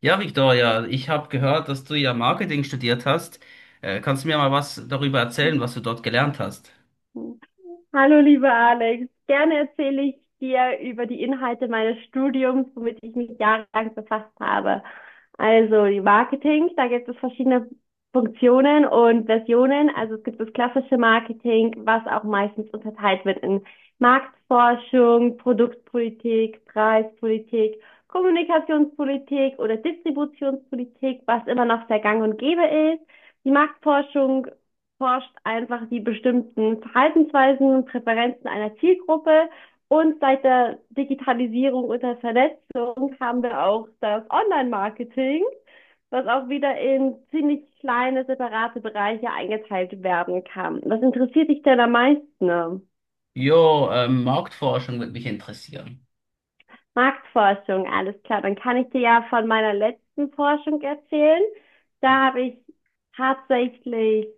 Ja, Victoria, ich habe gehört, dass du ja Marketing studiert hast. Kannst du mir mal was darüber erzählen, was du dort gelernt hast? Mhm. Hallo, lieber Alex. Gerne erzähle ich dir über die Inhalte meines Studiums, womit ich mich jahrelang befasst habe. Also die Marketing, da gibt es verschiedene Funktionen und Versionen. Also es gibt das klassische Marketing, was auch meistens unterteilt wird in Marktforschung, Produktpolitik, Preispolitik, Kommunikationspolitik oder Distributionspolitik, was immer noch sehr gang und gäbe ist. Die Marktforschung forscht einfach die bestimmten Verhaltensweisen, Präferenzen einer Zielgruppe. Und seit der Digitalisierung und der Vernetzung haben wir auch das Online-Marketing, was auch wieder in ziemlich kleine, separate Bereiche eingeteilt werden kann. Was interessiert dich denn am meisten? Marktforschung würde mich interessieren. Marktforschung, alles klar. Dann kann ich dir ja von meiner letzten Forschung erzählen. Da habe ich tatsächlich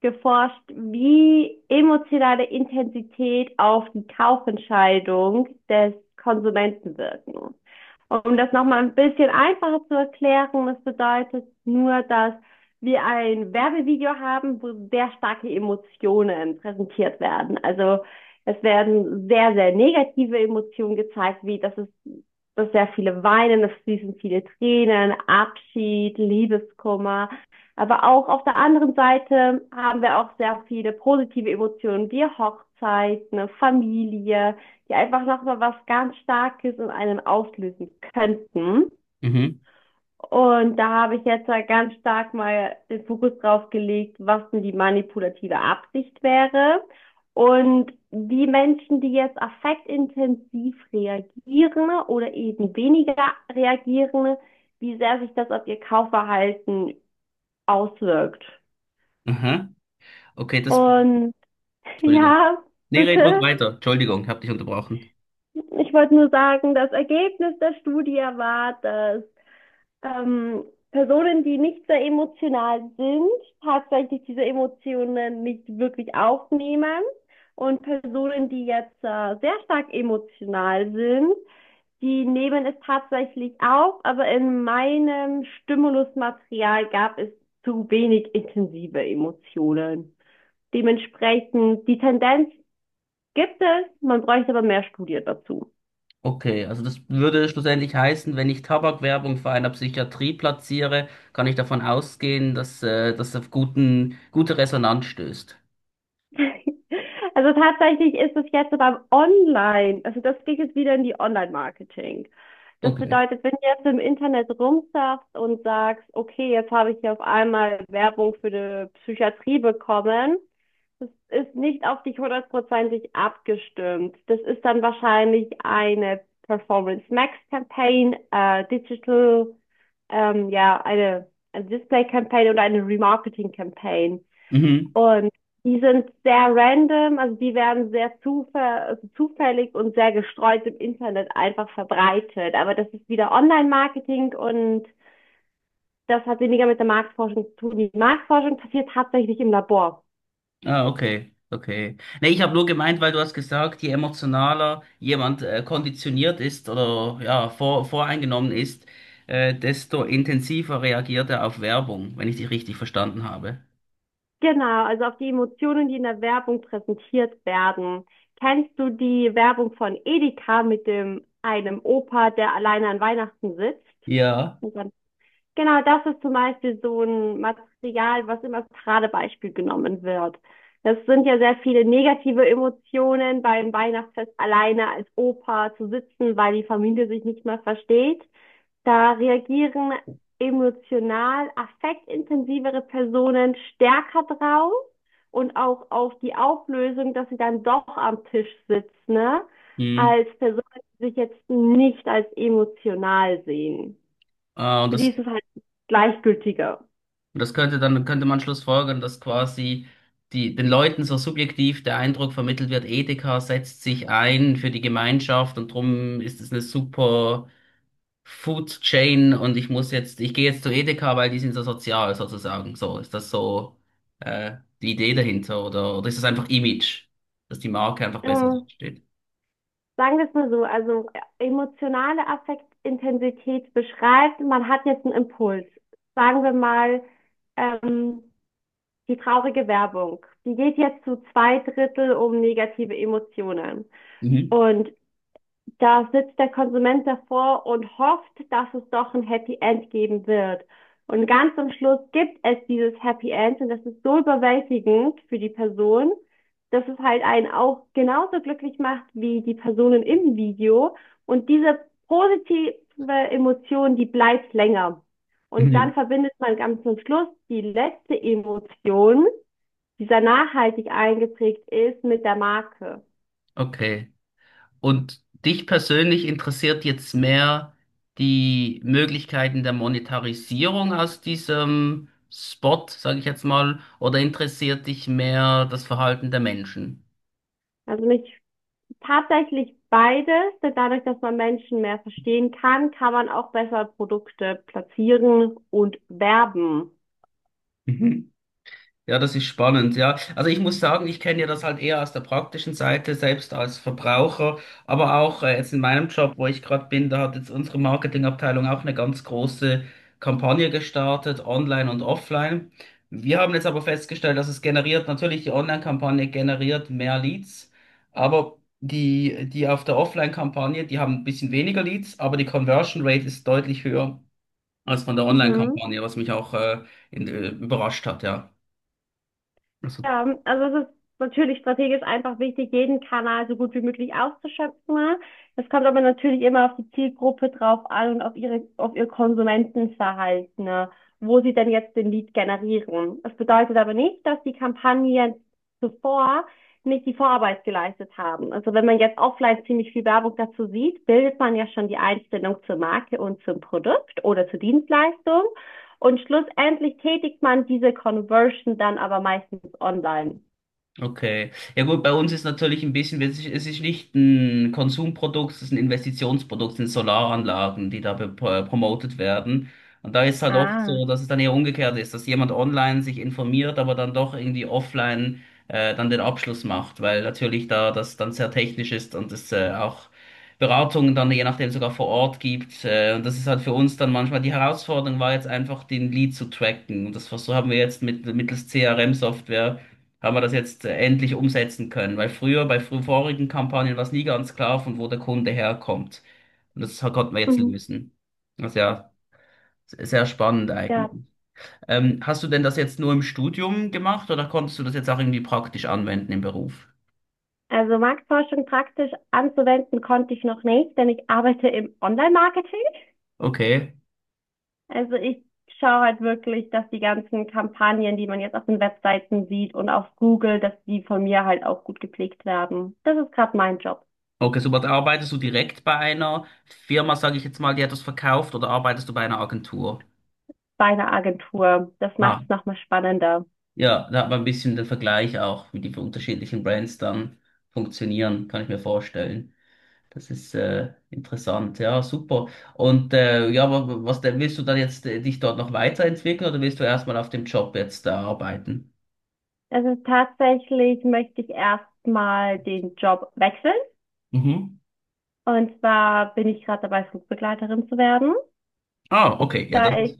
geforscht, wie emotionale Intensität auf die Kaufentscheidung des Konsumenten wirken. Um das nochmal ein bisschen einfacher zu erklären, das bedeutet nur, dass wir ein Werbevideo haben, wo sehr starke Emotionen präsentiert werden. Also es werden sehr, sehr negative Emotionen gezeigt, wie dass sehr viele weinen, es fließen viele Tränen, Abschied, Liebeskummer. Aber auch auf der anderen Seite haben wir auch sehr viele positive Emotionen, wie Hochzeit, eine Familie, die einfach nochmal was ganz Starkes in einem auslösen könnten. Mhm. Und da habe ich jetzt halt ganz stark mal den Fokus drauf gelegt, was denn die manipulative Absicht wäre. Und die Menschen, die jetzt affektintensiv reagieren oder eben weniger reagieren, wie sehr sich das auf ihr Kaufverhalten auswirkt. Aha. Okay, das. Und Entschuldigung. ja, Nee, red ruhig bitte, weiter. Entschuldigung, ich habe dich unterbrochen. ich wollte nur sagen, das Ergebnis der Studie war, dass ähm, Personen, die nicht sehr emotional sind, tatsächlich diese Emotionen nicht wirklich aufnehmen. Und Personen, die jetzt sehr stark emotional sind, die nehmen es tatsächlich auf, aber in meinem Stimulusmaterial gab es zu wenig intensive Emotionen. Dementsprechend, die Tendenz gibt es, man bräuchte aber mehr Studien dazu. Okay, also das würde schlussendlich heißen, wenn ich Tabakwerbung vor einer Psychiatrie platziere, kann ich davon ausgehen, dass das auf gute Resonanz stößt. Also tatsächlich ist es jetzt aber online. Also das geht jetzt wieder in die Online-Marketing. Das Okay. bedeutet, wenn du jetzt im Internet rumsurfst und sagst, okay, jetzt habe ich hier auf einmal Werbung für die Psychiatrie bekommen, das ist nicht auf dich hundertprozentig abgestimmt. Das ist dann wahrscheinlich eine Performance Max Campaign, Digital, ja, eine Display Campaign oder eine Remarketing Campaign. Mhm. Und die sind sehr random, also die werden also zufällig und sehr gestreut im Internet einfach verbreitet. Aber das ist wieder Online-Marketing und das hat weniger mit der Marktforschung zu tun. Die Marktforschung passiert tatsächlich im Labor. Ah, okay, okay. Nee, ich habe nur gemeint, weil du hast gesagt, je emotionaler jemand konditioniert ist oder ja, voreingenommen ist, desto intensiver reagiert er auf Werbung, wenn ich dich richtig verstanden habe. Genau, also auf die Emotionen, die in der Werbung präsentiert werden. Kennst du die Werbung von Edeka mit dem einem Opa, der alleine an Weihnachten sitzt? Ja. Und dann Genau, das ist zum Beispiel so ein Material, was immer als Paradebeispiel genommen wird. Das sind ja sehr viele negative Emotionen, beim Weihnachtsfest alleine als Opa zu sitzen, weil die Familie sich nicht mehr versteht. Da reagieren emotional affektintensivere Personen stärker drauf und auch auf die Auflösung, dass sie dann doch am Tisch sitzt, ne? Hm. Als Personen, die sich jetzt nicht als emotional sehen. Ah, Für die ist es halt gleichgültiger. und das könnte man schlussfolgern, dass quasi den Leuten so subjektiv der Eindruck vermittelt wird, Edeka setzt sich ein für die Gemeinschaft und drum ist es eine super Food Chain und ich gehe jetzt zu Edeka, weil die sind so sozial sozusagen. So, ist das so die Idee dahinter oder ist das einfach Image, dass die Marke einfach besser Ähm, steht? Sagen wir es mal so, also emotionale Affektintensität beschreibt, man hat jetzt einen Impuls. Sagen wir mal, ähm, die traurige Werbung. Die geht jetzt zu zwei Drittel um negative Emotionen. Mhm. Und da sitzt der Konsument davor und hofft, dass es doch ein Happy End geben wird. Und ganz am Schluss gibt es dieses Happy End und das ist so überwältigend für die Person, dass es halt einen auch genauso glücklich macht wie die Personen im Video. Und diese positive Emotion, die bleibt länger. Und Mhm. dann verbindet man ganz am Schluss die letzte Emotion, die sehr nachhaltig eingeprägt ist, mit der Marke. Okay. Und dich persönlich interessiert jetzt mehr die Möglichkeiten der Monetarisierung aus diesem Spot, sage ich jetzt mal, oder interessiert dich mehr das Verhalten der Menschen? Also mich Tatsächlich beides, denn dadurch, dass man Menschen mehr verstehen kann, kann man auch besser Produkte platzieren und werben. Mhm. Ja, das ist spannend, ja. Also ich muss sagen, ich kenne ja das halt eher aus der praktischen Seite, selbst als Verbraucher, aber auch jetzt in meinem Job, wo ich gerade bin, da hat jetzt unsere Marketingabteilung auch eine ganz große Kampagne gestartet, online und offline. Wir haben jetzt aber festgestellt, dass natürlich die Online-Kampagne generiert mehr Leads, aber die auf der Offline-Kampagne, die haben ein bisschen weniger Leads, aber die Conversion Rate ist deutlich höher als von der Mhm. Online-Kampagne, was mich auch überrascht hat, ja. Also. Ja, also es ist natürlich strategisch einfach wichtig, jeden Kanal so gut wie möglich auszuschöpfen, ne? Es kommt aber natürlich immer auf die Zielgruppe drauf an und auf auf ihr Konsumentenverhalten, ne? Wo sie denn jetzt den Lead generieren. Das bedeutet aber nicht, dass die Kampagnen zuvor nicht die Vorarbeit geleistet haben. Also wenn man jetzt offline ziemlich viel Werbung dazu sieht, bildet man ja schon die Einstellung zur Marke und zum Produkt oder zur Dienstleistung. Und schlussendlich tätigt man diese Conversion dann aber meistens online. Okay. Ja gut, bei uns ist natürlich ein bisschen, es ist nicht ein Konsumprodukt, es ist ein Investitionsprodukt, es sind Solaranlagen, die da promotet werden. Und da ist halt oft Ah. so, dass es dann eher umgekehrt ist, dass jemand online sich informiert, aber dann doch irgendwie offline dann den Abschluss macht, weil natürlich da das dann sehr technisch ist und es auch Beratungen dann je nachdem sogar vor Ort gibt. Und das ist halt für uns dann manchmal die Herausforderung war jetzt einfach, den Lead zu tracken. Und das haben wir jetzt mittels CRM-Software haben wir das jetzt endlich umsetzen können. Weil früher, bei vorigen Kampagnen war es nie ganz klar, von wo der Kunde herkommt. Und das konnten wir jetzt Mhm. lösen. Also ja, sehr spannend Ja. eigentlich. Hast du denn das jetzt nur im Studium gemacht oder konntest du das jetzt auch irgendwie praktisch anwenden im Beruf? Also Marktforschung praktisch anzuwenden konnte ich noch nicht, denn ich arbeite im Online-Marketing. Okay. Also ich schaue halt wirklich, dass die ganzen Kampagnen, die man jetzt auf den Webseiten sieht und auf Google, dass die von mir halt auch gut gepflegt werden. Das ist gerade mein Job Okay, super. Da arbeitest du direkt bei einer Firma, sage ich jetzt mal, die etwas verkauft, oder arbeitest du bei einer Agentur? bei einer Agentur. Das Ah, macht es nochmal spannender. ja, da hat man ein bisschen den Vergleich auch, wie die unterschiedlichen Brands dann funktionieren, kann ich mir vorstellen. Das ist interessant, ja, super. Und ja, was denn, willst du dann jetzt dich dort noch weiterentwickeln oder willst du erstmal auf dem Job jetzt arbeiten? Also tatsächlich möchte ich erstmal den Job wechseln. Mhm. Und zwar bin ich gerade dabei, Flugbegleiterin zu werden, Ah, okay, ja, das da ich ist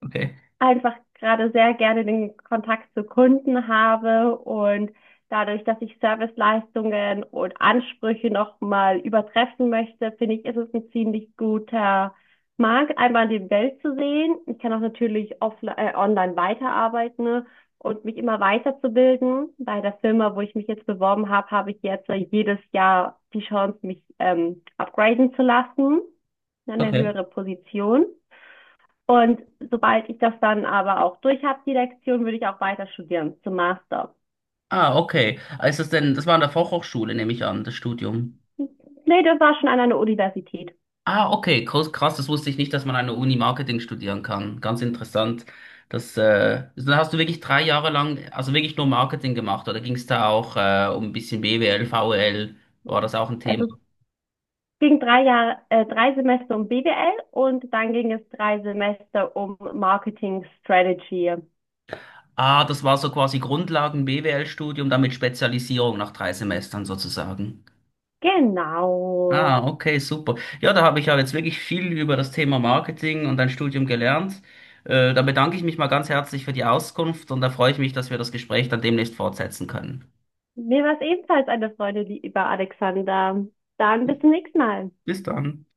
okay. einfach gerade sehr gerne den Kontakt zu Kunden habe, und dadurch, dass ich Serviceleistungen und Ansprüche nochmal übertreffen möchte, finde ich, ist es ein ziemlich guter Markt, einmal die Welt zu sehen. Ich kann auch natürlich online weiterarbeiten, ne, und mich immer weiterzubilden. Bei der Firma, wo ich mich jetzt beworben habe, habe ich jetzt jedes Jahr die Chance, mich upgraden zu lassen, in eine Okay. höhere Position. Und sobald ich das dann aber auch durch habe, die Lektion, würde ich auch weiter studieren zum Master. Ah, okay. Ah, das war an der Fachhochschule, nehme ich an, das Studium. Nee, das war schon an einer Universität. Ah, okay, krass, krass, das wusste ich nicht, dass man an der Uni Marketing studieren kann. Ganz interessant. Dann hast du wirklich 3 Jahre lang, also wirklich nur Marketing gemacht, oder ging es da auch um ein bisschen BWL, VWL? War das auch ein Thema? Also es ging drei Semester um BWL und dann ging es drei Semester um Marketing Strategy. Ah, das war so quasi Grundlagen-BWL-Studium, dann mit Spezialisierung nach 3 Semestern sozusagen. Genau. Ah, okay, super. Ja, da habe ich ja jetzt wirklich viel über das Thema Marketing und dein Studium gelernt. Da bedanke ich mich mal ganz herzlich für die Auskunft und da freue ich mich, dass wir das Gespräch dann demnächst fortsetzen können. Mir war es ebenfalls eine Freude, lieber Alexander. Dann bis zum nächsten Mal. Bis dann.